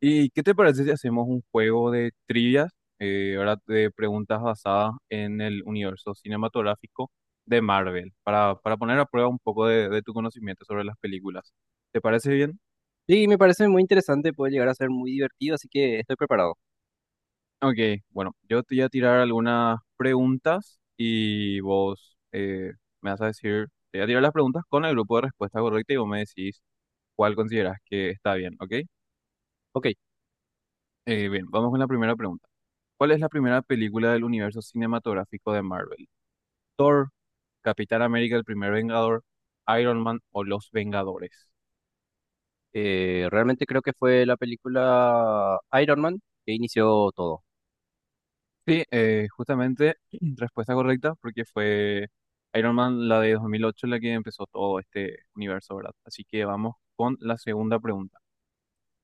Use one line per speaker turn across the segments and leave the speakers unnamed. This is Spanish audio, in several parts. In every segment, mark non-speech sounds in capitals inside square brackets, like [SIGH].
¿Y qué te parece si hacemos un juego de trivias, ahora de preguntas basadas en el universo cinematográfico de Marvel, para poner a prueba un poco de tu conocimiento sobre las películas? ¿Te parece bien?
Sí, me parece muy interesante, puede llegar a ser muy divertido, así que estoy preparado.
Ok, bueno, yo te voy a tirar algunas preguntas y vos me vas a decir, te voy a tirar las preguntas con el grupo de respuesta correcta y vos me decís cuál consideras que está bien, ¿ok?
Ok,
Bien, vamos con la primera pregunta. ¿Cuál es la primera película del universo cinematográfico de Marvel? Thor, Capitán América, el primer Vengador, Iron Man o Los Vengadores.
realmente creo que fue la película Iron Man que inició todo.
Sí, justamente [CLEARS THROAT] respuesta correcta porque fue Iron Man la de 2008, la que empezó todo este universo, ¿verdad? Así que vamos con la segunda pregunta.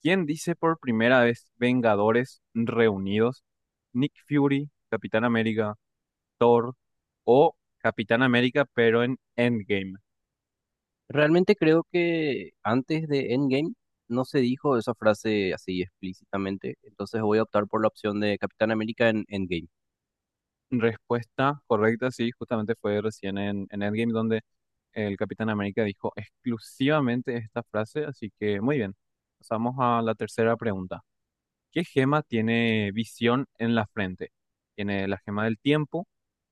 ¿Quién dice por primera vez Vengadores reunidos? Nick Fury, Capitán América, Thor o Capitán América pero en Endgame.
Realmente creo que antes de Endgame no se dijo esa frase así explícitamente, entonces voy a optar por la opción de Capitán América en Endgame.
Respuesta correcta, sí, justamente fue recién en Endgame donde el Capitán América dijo exclusivamente esta frase, así que muy bien. Pasamos a la tercera pregunta. ¿Qué gema tiene visión en la frente? Tiene la gema del tiempo,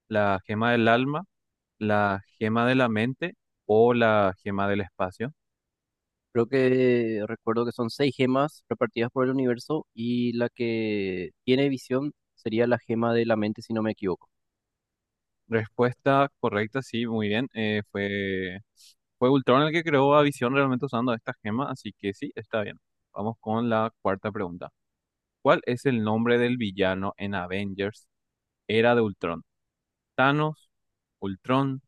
la gema del alma, la gema de la mente o la gema del espacio.
Creo que recuerdo que son seis gemas repartidas por el universo y la que tiene visión sería la gema de la mente, si no me equivoco.
Respuesta correcta, sí, muy bien. Fue Ultron el que creó a Visión realmente usando esta gema, así que sí, está bien. Vamos con la cuarta pregunta. ¿Cuál es el nombre del villano en Avengers Era de Ultron? ¿Thanos, Ultron,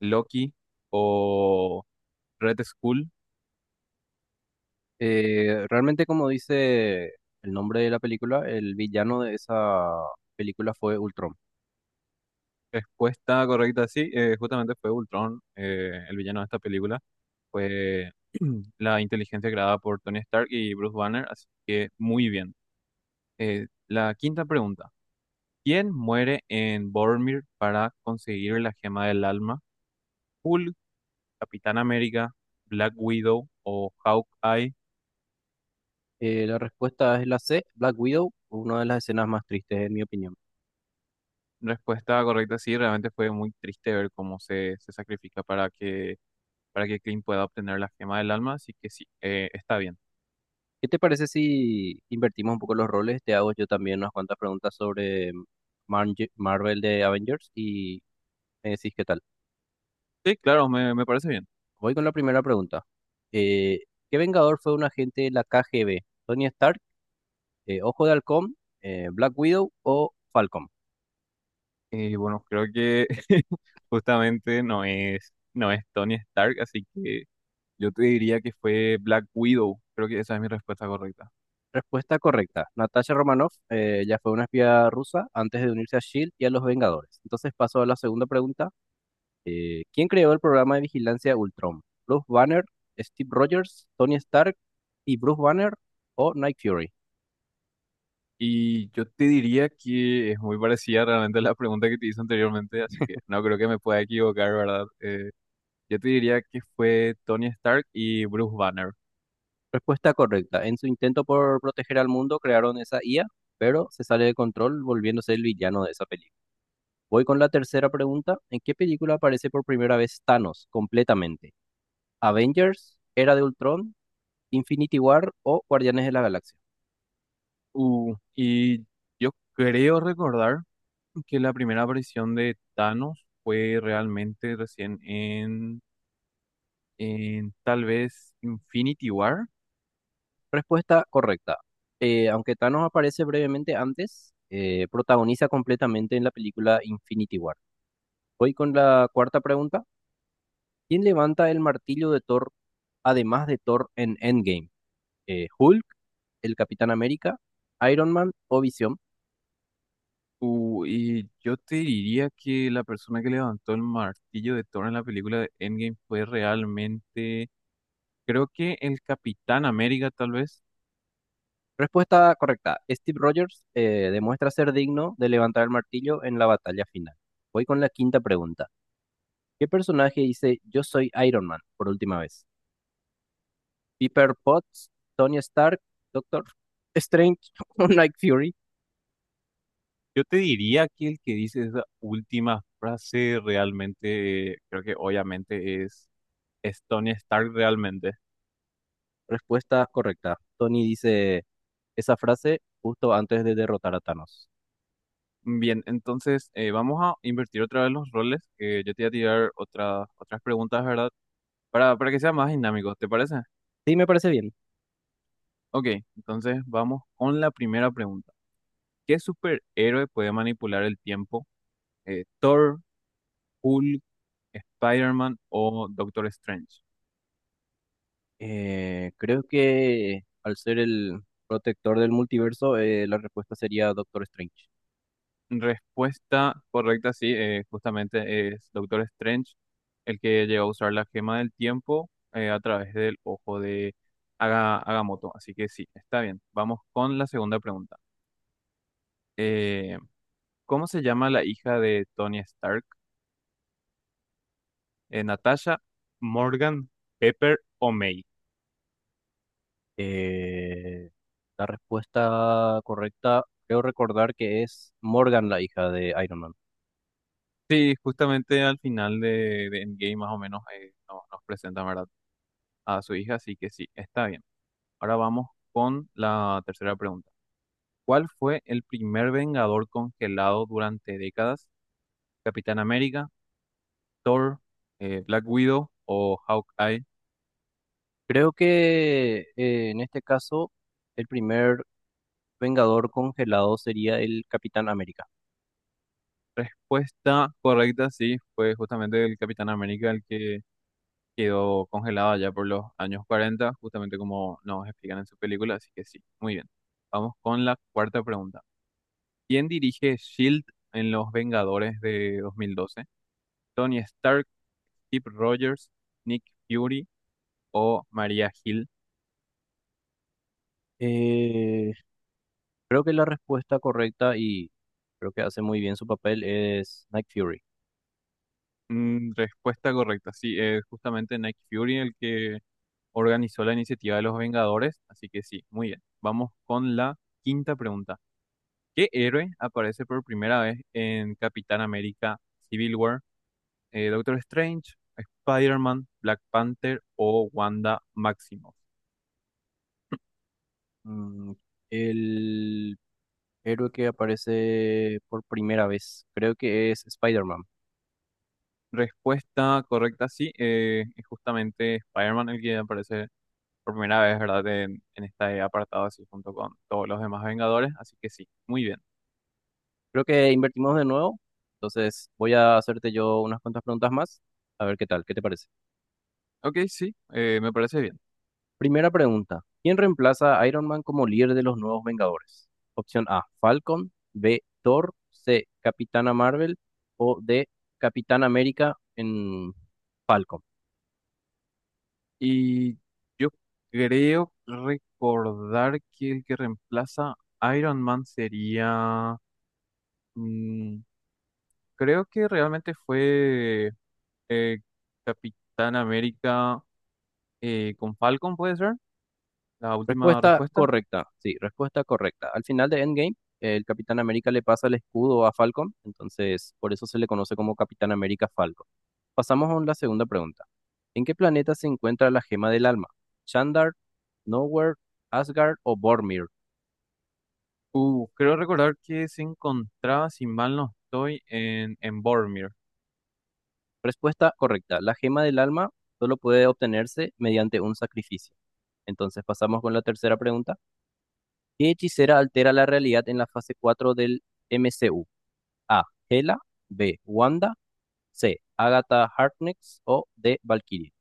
Loki o Red Skull?
Realmente, como dice el nombre de la película, el villano de esa película fue Ultron.
Respuesta correcta, sí, justamente fue Ultron, el villano de esta película. Fue [CLEARS THROAT] la inteligencia creada por Tony Stark y Bruce Banner, así que muy bien. La quinta pregunta. ¿Quién muere en Boromir para conseguir la gema del alma? ¿Hulk, Capitán América, Black Widow o Hawkeye?
La respuesta es la C, Black Widow, una de las escenas más tristes en mi opinión.
Respuesta correcta, sí, realmente fue muy triste ver cómo se sacrifica para que Clint pueda obtener la gema del alma, así que sí, está bien.
¿Qué te parece si invertimos un poco los roles? Te hago yo también unas cuantas preguntas sobre Marvel de Avengers y me decís qué tal.
Sí, claro, me parece bien.
Voy con la primera pregunta. Eh, ¿Qué Vengador fue un agente de la KGB? ¿Tony Stark, Ojo de Halcón, Black Widow o Falcon?
Y bueno, creo que [LAUGHS] justamente no es Tony Stark, así que yo te diría que fue Black Widow, creo que esa es mi respuesta correcta.
Respuesta correcta. Natasha Romanoff ya fue una espía rusa antes de unirse a SHIELD y a los Vengadores. Entonces paso a la segunda pregunta. ¿Quién creó el programa de vigilancia Ultron? ¿Bruce Banner, Steve Rogers, Tony Stark y Bruce Banner o Nick Fury?
Y yo te diría que es muy parecida realmente a la pregunta que te hice anteriormente, así que no creo que me pueda equivocar, ¿verdad? Yo te diría que fue Tony Stark y Bruce Banner.
Respuesta correcta. En su intento por proteger al mundo crearon esa IA, pero se sale de control volviéndose el villano de esa película. Voy con la tercera pregunta. ¿En qué película aparece por primera vez Thanos completamente? ¿Avengers, Era de Ultron, Infinity War o Guardianes de la Galaxia?
Y yo creo recordar que la primera aparición de Thanos fue realmente recién en tal vez Infinity War.
Respuesta correcta. Aunque Thanos aparece brevemente antes, protagoniza completamente en la película Infinity War. Voy con la cuarta pregunta. ¿Quién levanta el martillo de Thor, además de Thor en Endgame? ¿Hulk, el Capitán América, Iron Man o Visión?
Y yo te diría que la persona que levantó el martillo de Thor en la película de Endgame fue realmente, creo que el Capitán América tal vez.
Respuesta correcta. Steve Rogers demuestra ser digno de levantar el martillo en la batalla final. Voy con la quinta pregunta. ¿Qué personaje dice Yo soy Iron Man por última vez? Pepper Potts, Tony Stark, Doctor Strange o [LAUGHS] Night Fury.
Yo te diría que el que dice esa última frase realmente, creo que obviamente es Tony Stark realmente.
Respuesta correcta. Tony dice esa frase justo antes de derrotar a Thanos.
Bien, entonces vamos a invertir otra vez los roles, que yo te voy a tirar otras preguntas, ¿verdad? Para que sea más dinámico, ¿te parece?
Sí, me parece bien.
Ok, entonces vamos con la primera pregunta. ¿Qué superhéroe puede manipular el tiempo? ¿Thor, Hulk, Spider-Man o Doctor Strange?
Creo que al ser el protector del multiverso, la respuesta sería Doctor Strange.
Respuesta correcta, sí, justamente es Doctor Strange, el que llegó a usar la gema del tiempo a través del ojo de Agamotto. Así que sí, está bien. Vamos con la segunda pregunta. Eh, ¿Cómo se llama la hija de Tony Stark? ¿Natasha, Morgan, Pepper o May?
Eh, la respuesta correcta, creo recordar que es Morgan, la hija de Iron Man.
Sí, justamente al final de Endgame más o menos nos presenta, ¿verdad? A su hija, así que sí, está bien. Ahora vamos con la tercera pregunta. ¿Cuál fue el primer Vengador congelado durante décadas? ¿Capitán América, Thor, Black Widow o Hawkeye?
Creo que en este caso, el primer Vengador congelado sería el Capitán América.
Respuesta correcta, sí, fue justamente el Capitán América el que quedó congelado allá por los años 40, justamente como nos explican en su película, así que sí, muy bien. Vamos con la cuarta pregunta. ¿Quién dirige SHIELD en Los Vengadores de 2012? ¿Tony Stark, Steve Rogers, Nick Fury o Maria Hill?
Eh, Creo que la respuesta correcta y creo que hace muy bien su papel es Nick Fury.
Mm, respuesta correcta, sí, es justamente Nick Fury el que organizó la iniciativa de los Vengadores, así que sí, muy bien. Vamos con la quinta pregunta. ¿Qué héroe aparece por primera vez en Capitán América Civil War? Doctor Strange, Spider-Man, Black Panther o Wanda Maximoff.
Mm, el héroe que aparece por primera vez, creo que es Spider-Man.
Respuesta correcta, sí, es justamente Spider-Man el que aparece por primera vez, ¿verdad? En este apartado, así junto con todos los demás Vengadores, así que sí, muy bien.
Creo que invertimos de nuevo, entonces voy a hacerte yo unas cuantas preguntas más, a ver qué tal, ¿qué te parece?
Ok, sí, me parece bien.
Primera pregunta. ¿Quién reemplaza a Iron Man como líder de los nuevos Vengadores? Opción A, Falcon; B, Thor; C, Capitana Marvel o D, Capitán América en Falcon.
Y yo creo recordar que el que reemplaza a Iron Man sería... mm, creo que realmente fue eh, Capitán América con Falcon, ¿puede ser? La última
Respuesta
respuesta.
correcta, sí, respuesta correcta. Al final de Endgame, el Capitán América le pasa el escudo a Falcon, entonces por eso se le conoce como Capitán América Falcon. Pasamos a la segunda pregunta. ¿En qué planeta se encuentra la gema del alma? ¿Chandar, Nowhere, Asgard o Bormir?
Creo recordar que se encontraba, si mal no estoy, en Boromir.
Respuesta correcta. La gema del alma solo puede obtenerse mediante un sacrificio. Entonces pasamos con la tercera pregunta. ¿Qué hechicera altera la realidad en la fase 4 del MCU? A. Hela. B. Wanda. C. Agatha Harkness. O D. Valkyrie.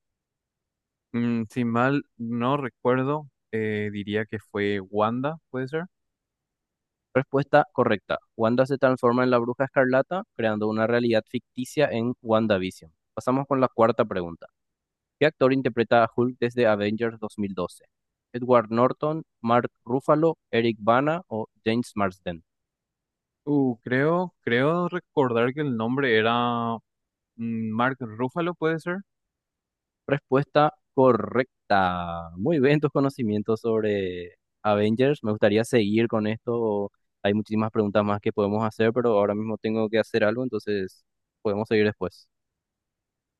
Mm, si mal no recuerdo, diría que fue Wanda, ¿puede ser?
Respuesta correcta. Wanda se transforma en la Bruja Escarlata, creando una realidad ficticia en WandaVision. Pasamos con la cuarta pregunta. ¿Qué actor interpreta a Hulk desde Avengers 2012? ¿Edward Norton, Mark Ruffalo, Eric Bana o James Marsden?
Creo recordar que el nombre era mm, Mark Ruffalo, ¿puede ser?
Respuesta correcta. Muy bien tus conocimientos sobre Avengers. Me gustaría seguir con esto. Hay muchísimas preguntas más que podemos hacer, pero ahora mismo tengo que hacer algo, entonces podemos seguir después.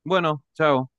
Bueno, chao.